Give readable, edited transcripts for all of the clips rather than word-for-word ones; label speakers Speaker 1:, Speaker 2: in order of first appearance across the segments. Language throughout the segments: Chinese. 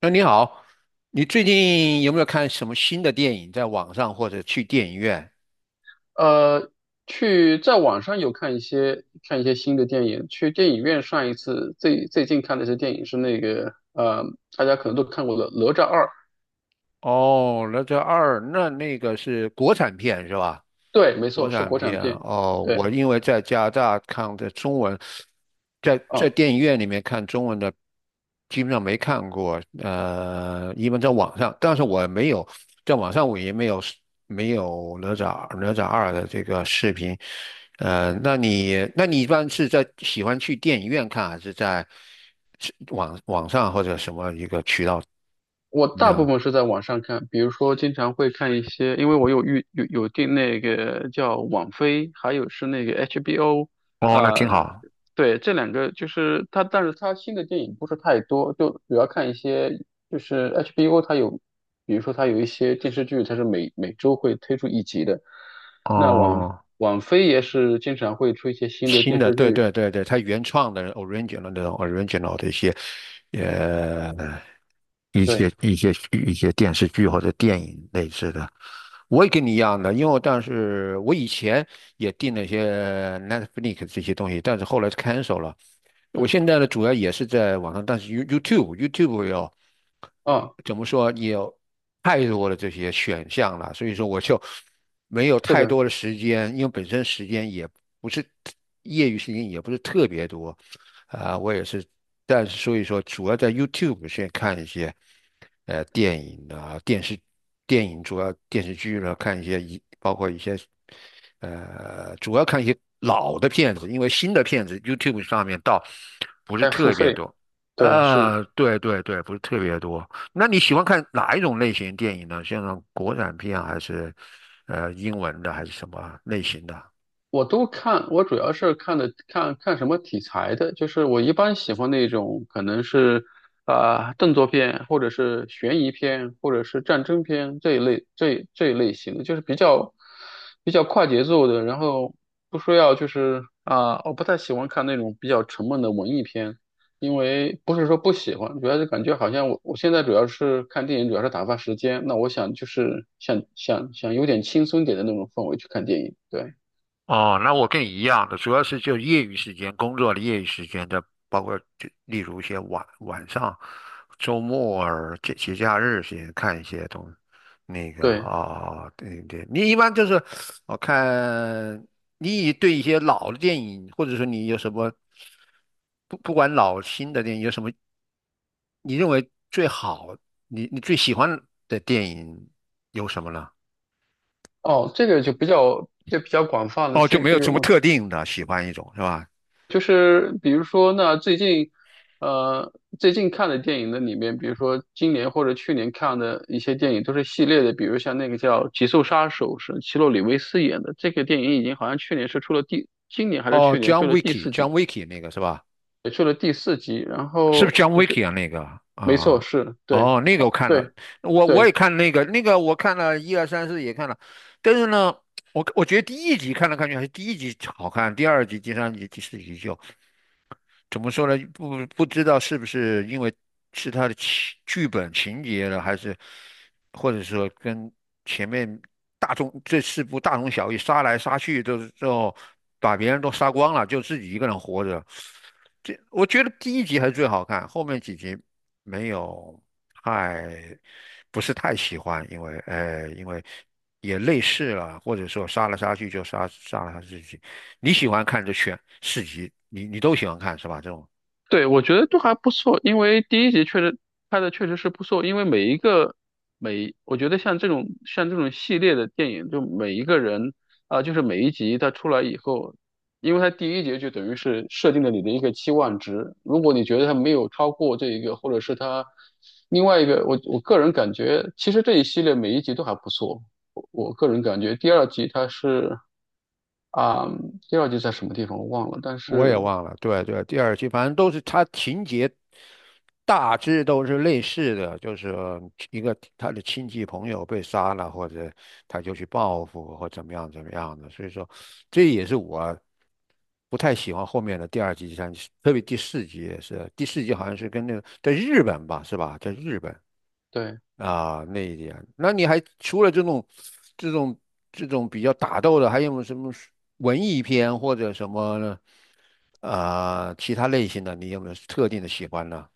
Speaker 1: 哎，你好，你最近有没有看什么新的电影在网上或者去电影院？
Speaker 2: 呃，去在网上有看一些新的电影，去电影院上一次最最近看的一些电影是那个大家可能都看过的《哪吒二》，
Speaker 1: 哦，那这二，那个是国产片是吧？
Speaker 2: 对，没
Speaker 1: 国
Speaker 2: 错，是
Speaker 1: 产
Speaker 2: 国产
Speaker 1: 片啊
Speaker 2: 片，
Speaker 1: 哦，我
Speaker 2: 对。
Speaker 1: 因为在加拿大看的中文，在
Speaker 2: 啊，
Speaker 1: 电影院里面看中文的，基本上没看过。一般在网上，但是我没有在网上，我也没有哪吒二的这个视频。那你一般是在喜欢去电影院看，还是是网上或者什么一个渠道
Speaker 2: 我大部
Speaker 1: 呢？
Speaker 2: 分是在网上看，比如说经常会看一些，因为我有预有有订那个叫网飞，还有是那个 HBO，
Speaker 1: 哦，那挺
Speaker 2: 呃，
Speaker 1: 好。
Speaker 2: 对，这两个就是它，但是它新的电影不是太多，就主要看一些就是 HBO 它有，比如说它有一些电视剧，它是每周会推出一集的。那网
Speaker 1: 哦。
Speaker 2: 网飞也是经常会出一些新的
Speaker 1: 新
Speaker 2: 电
Speaker 1: 的，
Speaker 2: 视
Speaker 1: 对
Speaker 2: 剧，
Speaker 1: 对对对，它原创的 original 那种 original 的一些，呃，一
Speaker 2: 对，
Speaker 1: 些一些一些电视剧或者电影类似的，我也跟你一样的，因为我当时我以前也订了一些 Netflix 这些东西，但是后来 cancel 了，我
Speaker 2: 嗯，
Speaker 1: 现在呢，主要也是在网上，但是 YouTube 有
Speaker 2: 啊，
Speaker 1: 怎么说，也有太多的这些选项了，所以说我就没有
Speaker 2: 是
Speaker 1: 太
Speaker 2: 的，
Speaker 1: 多的时间，因为本身时间也不是业余时间也不是特别多，啊、我也是，但是所以说主要在 YouTube 先看一些电影啊、电视、电影主要电视剧了，看一些包括一些。主要看一些老的片子，因为新的片子 YouTube 上面倒不是
Speaker 2: 在付
Speaker 1: 特别
Speaker 2: 费，
Speaker 1: 多。
Speaker 2: 对，是。
Speaker 1: 对对对，不是特别多。那你喜欢看哪一种类型电影呢？像国产片啊还是英文的，还是什么类型的？
Speaker 2: 我都看，我主要是看的看什么题材的，就是我一般喜欢那种可能是动作片，或者是悬疑片，或者是战争片这一类型的，就是比较快节奏的，然后不说要就是啊、我不太喜欢看那种比较沉闷的文艺片，因为不是说不喜欢，主要是感觉好像我现在主要是看电影，主要是打发时间，那我想就是想有点轻松点的那种氛围去看电影，对
Speaker 1: 哦，那我跟你一样的，主要是就业余时间、工作的业余时间的，包括就例如一些晚上、周末儿、节假日时间看一些那个
Speaker 2: 对。
Speaker 1: 啊、对对，你一般就是我看你对一些老的电影，或者说你有什么不管老新的电影，有什么你认为最好，你最喜欢的电影有什么呢？
Speaker 2: 哦，这个就比较广泛了。
Speaker 1: 哦，就
Speaker 2: 这
Speaker 1: 没
Speaker 2: 这
Speaker 1: 有
Speaker 2: 个
Speaker 1: 什么
Speaker 2: 问题，
Speaker 1: 特定的喜欢一种是吧？
Speaker 2: 就是比如说，那最近呃最近看的电影的里面，比如说今年或者去年看的一些电影都是系列的，比如像那个叫《极速杀手》，是奇洛里维斯演的。这个电影已经好像去年是出了第，今年还是
Speaker 1: 哦
Speaker 2: 去年出
Speaker 1: ，John
Speaker 2: 了第四
Speaker 1: Wick，John
Speaker 2: 季，
Speaker 1: Wick 那个是吧？
Speaker 2: 也出了第四集。然
Speaker 1: 是不是
Speaker 2: 后
Speaker 1: John
Speaker 2: 我觉
Speaker 1: Wick 啊？那个
Speaker 2: 没错，
Speaker 1: 啊，
Speaker 2: 是对
Speaker 1: 哦，那个我看了，
Speaker 2: 对
Speaker 1: 我
Speaker 2: 对。
Speaker 1: 也看那个，那个我看了一二三四也看了，但是呢，我觉得第一集看来看去还是第一集好看，第二集、第三集、第四集就怎么说呢？不知道是不是因为是他的剧本情节了，还是或者说跟前面大众这四部大同小异，杀来杀去都是最后把别人都杀光了，就自己一个人活着。这我觉得第一集还是最好看，后面几集没有太不是太喜欢，因为因为也类似了，或者说杀来杀去就杀了他自己。你喜欢看这选四集，你都喜欢看是吧？这种
Speaker 2: 对，我觉得都还不错，因为第一集确实拍的确实是不错，因为每一个每，我觉得像这种系列的电影，就每一个人就是每一集它出来以后，因为它第一集就等于是设定了你的一个期望值，如果你觉得它没有超过这一个，或者是它另外一个，我个人感觉，其实这一系列每一集都还不错，我个人感觉第二集它是啊、第二集在什么地方我忘了，但
Speaker 1: 我
Speaker 2: 是
Speaker 1: 也忘了，对对，第二集反正都是它情节大致都是类似的，就是一个他的亲戚朋友被杀了，或者他就去报复或怎么样怎么样的，所以说这也是我不太喜欢后面的第二季、第三季，特别第四集也是，第四集好像是跟那个在日本吧，是吧？在日本，
Speaker 2: 对。
Speaker 1: 啊，那一点，那你还除了这种、这种比较打斗的，还有没有什么是文艺片或者什么呢？啊、其他类型的，你有没有特定的喜欢呢？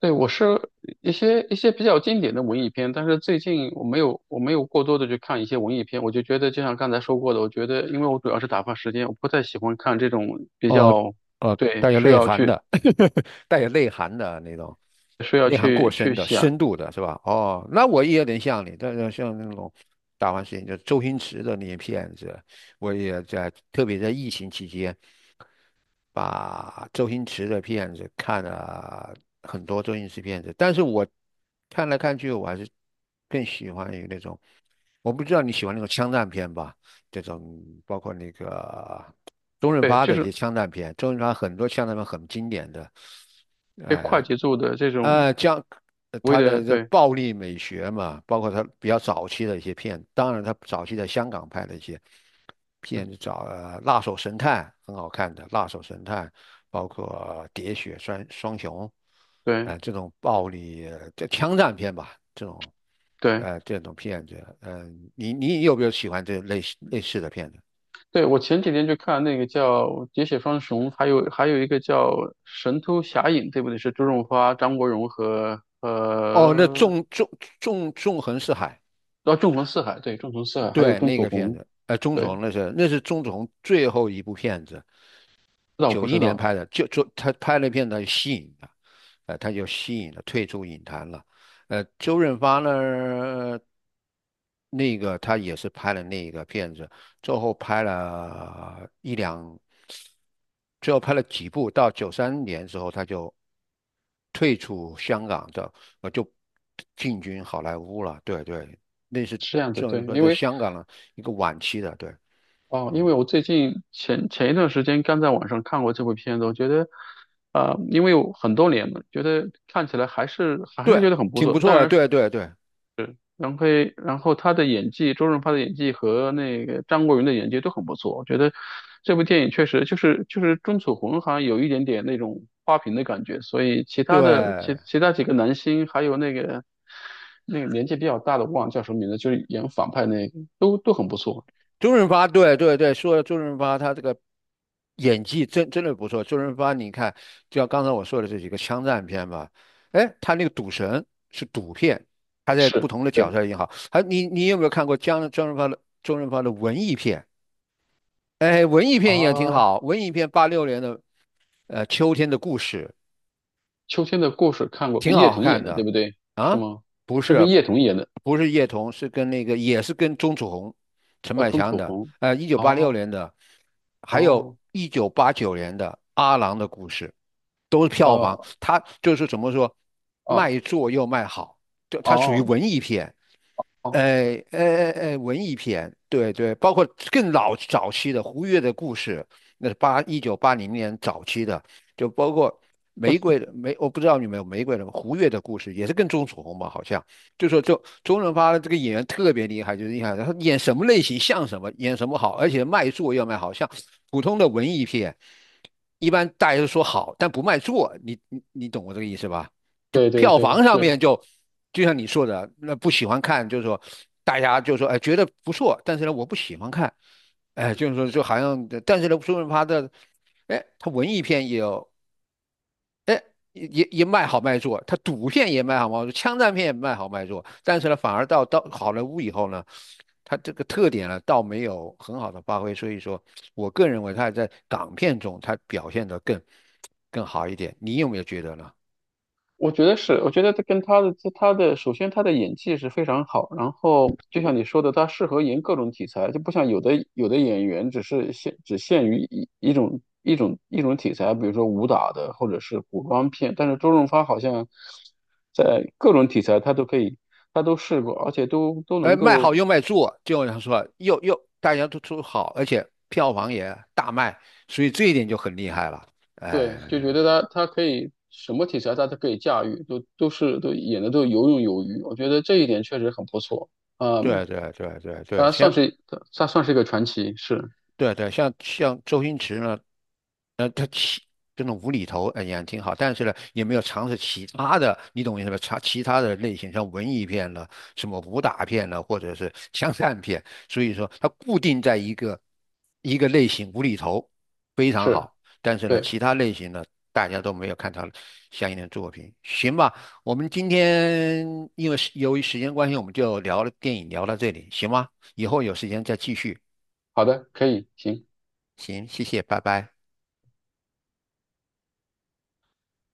Speaker 2: 对，我是一些比较经典的文艺片，但是最近我没有过多的去看一些文艺片，我就觉得就像刚才说过的，我觉得因为我主要是打发时间，我不太喜欢看这种比
Speaker 1: 哦
Speaker 2: 较，
Speaker 1: 哦，
Speaker 2: 对，
Speaker 1: 带有
Speaker 2: 需
Speaker 1: 内
Speaker 2: 要
Speaker 1: 涵
Speaker 2: 去
Speaker 1: 的，带有内涵的那种，内涵过深
Speaker 2: 去
Speaker 1: 的、
Speaker 2: 想，
Speaker 1: 深度的，是吧？哦，那我也有点像你，但是像那种打完事情，就周星驰的那些片子，我也在，特别在疫情期间。把周星驰的片子看了很多周星驰片子，但是我看来看去，我还是更喜欢于那种，我不知道你喜欢那种枪战片吧？这种包括那个周润
Speaker 2: 对，
Speaker 1: 发
Speaker 2: 就
Speaker 1: 的一些
Speaker 2: 是
Speaker 1: 枪战片，周润发很多枪战片很经典的，
Speaker 2: 对快
Speaker 1: 哎。
Speaker 2: 节奏的这种
Speaker 1: 将
Speaker 2: 所谓
Speaker 1: 他
Speaker 2: 的，
Speaker 1: 的这
Speaker 2: 对
Speaker 1: 暴力美学嘛，包括他比较早期的一些片，当然他早期在香港拍的一些片，找《辣手神探》很好看的《辣手神探》，包括《喋血双雄》，
Speaker 2: 对
Speaker 1: 这种暴力这枪战片吧，这种
Speaker 2: 对
Speaker 1: 呃这种片子，你有没有喜欢这类似的片子？
Speaker 2: 对，我前几天去看那个叫《喋血双雄》，还有还有一个叫《神偷侠影》，对不对？是周润发、张国荣和
Speaker 1: 哦，那
Speaker 2: 和
Speaker 1: 纵横四海，
Speaker 2: 哦，纵横四海，对，纵横四海，还有
Speaker 1: 对
Speaker 2: 钟
Speaker 1: 那
Speaker 2: 楚
Speaker 1: 个片
Speaker 2: 红，
Speaker 1: 子，钟楚
Speaker 2: 对，知
Speaker 1: 红那是钟楚红最后一部片子，
Speaker 2: 道我
Speaker 1: 九
Speaker 2: 不
Speaker 1: 一
Speaker 2: 知
Speaker 1: 年
Speaker 2: 道
Speaker 1: 拍的，就他拍那片，他就吸引了，退出影坛了。周润发呢，那个他也是拍了那个片子，最后拍了一两，最后拍了几部，到93年之后他就退出香港的，就进军好莱坞了。对对，那是
Speaker 2: 是这样子，
Speaker 1: 周
Speaker 2: 对，
Speaker 1: 润发
Speaker 2: 因
Speaker 1: 在
Speaker 2: 为
Speaker 1: 香港的一个晚期的，对，
Speaker 2: 哦，因
Speaker 1: 嗯，
Speaker 2: 为我最近前一段时间刚在网上看过这部片子，我觉得，呃，因为有很多年了，觉得看起来还是
Speaker 1: 对，
Speaker 2: 觉得很不
Speaker 1: 挺不
Speaker 2: 错，当
Speaker 1: 错的，
Speaker 2: 然
Speaker 1: 对对对
Speaker 2: 然后，然后他的演技，周润发的演技和那个张国荣的演技都很不错。我觉得这部电影确实就是钟楚红好像有一点点那种花瓶的感觉，所以其他的其
Speaker 1: 对。
Speaker 2: 其他几个男星还有那个年纪比较大的，我忘了叫什么名字，就是演反派那个都很不错。
Speaker 1: 周润发，对对对，说到周润发，他这个演技真的不错。周润发，你看，就像刚才我说的这几个枪战片吧，哎，他那个赌神是赌片，他在不
Speaker 2: 是，
Speaker 1: 同的角
Speaker 2: 对，
Speaker 1: 色也好，还你有没有看过江周润发的周润发的文艺片？哎，文艺
Speaker 2: 啊，
Speaker 1: 片也挺好，文艺片八六年的《秋天的故事》，
Speaker 2: 《秋天的故事》看过，
Speaker 1: 挺
Speaker 2: 跟叶
Speaker 1: 好
Speaker 2: 童演
Speaker 1: 看
Speaker 2: 的，对
Speaker 1: 的
Speaker 2: 不对？是
Speaker 1: 啊，
Speaker 2: 吗？
Speaker 1: 不
Speaker 2: 是
Speaker 1: 是，
Speaker 2: 跟叶童演的，
Speaker 1: 不是叶童，是跟那个也是跟钟楚红、陈
Speaker 2: 啊，
Speaker 1: 百
Speaker 2: 钟
Speaker 1: 强
Speaker 2: 楚
Speaker 1: 的，
Speaker 2: 红。
Speaker 1: 一九八六
Speaker 2: 哦
Speaker 1: 年的，还有
Speaker 2: 哦，
Speaker 1: 1989年的《阿郎的故事》，都是票房，
Speaker 2: 哦
Speaker 1: 它就是怎么说，
Speaker 2: 哦
Speaker 1: 卖座又卖好，就它属于
Speaker 2: 哦
Speaker 1: 文艺片。
Speaker 2: 哦。
Speaker 1: 哎哎哎哎，文艺片，对对，包括更老早期的胡月的故事，那是1980年早期的，就包括玫瑰的玫，我不知道你们有玫瑰的胡月的故事，也是跟钟楚红吧，好像就说周润发这个演员特别厉害，就是厉害，他演什么类型像什么，演什么好，而且卖座要卖好，像普通的文艺片，一般大家都说好，但不卖座，你懂我这个意思吧？就
Speaker 2: 对对
Speaker 1: 票
Speaker 2: 对，
Speaker 1: 房上
Speaker 2: 是，
Speaker 1: 面就就像你说的，那不喜欢看，就是说大家就说哎觉得不错，但是呢我不喜欢看，哎就是说就好像，但是呢说明他的，哎他文艺片也有。也卖好卖座，他赌片也卖好卖座，枪战片也卖好卖座，但是呢，反而到好莱坞以后呢，他这个特点呢，倒没有很好的发挥，所以说，我个人认为还在港片中他表现的更好一点，你有没有觉得呢？
Speaker 2: 我觉得是，我觉得他跟他的他的，首先他的演技是非常好，然后就像你说的，他适合演各种题材，就不像有的演员只是限只限于一种一种题材，比如说武打的或者是古装片，但是周润发好像在各种题材他都可以，他都试过，而且都能
Speaker 1: 卖
Speaker 2: 够，
Speaker 1: 好又卖座，就像说又大家都好，而且票房也大卖，所以这一点就很厉害了。
Speaker 2: 对，就觉
Speaker 1: 哎，
Speaker 2: 得他可以什么题材他都可以驾驭，都演的都游刃有余，我觉得这一点确实很不错。
Speaker 1: 对
Speaker 2: 嗯。
Speaker 1: 对对对对，
Speaker 2: 呃，
Speaker 1: 像，
Speaker 2: 算是算是一个传奇，是
Speaker 1: 对对，像周星驰呢，这种无厘头，哎呀，挺好，但是呢，也没有尝试其他的，你懂我意思吧？尝其他的类型，像文艺片了，什么武打片了，或者是枪战片，所以说它固定在一个类型，无厘头非常
Speaker 2: 是，
Speaker 1: 好，但是呢，
Speaker 2: 对，
Speaker 1: 其他类型呢，大家都没有看到相应的作品，行吧？我们今天因为由于时间关系，我们就聊了电影，聊到这里，行吗？以后有时间再继续，
Speaker 2: 好的，可以，行。
Speaker 1: 行，谢谢，拜拜。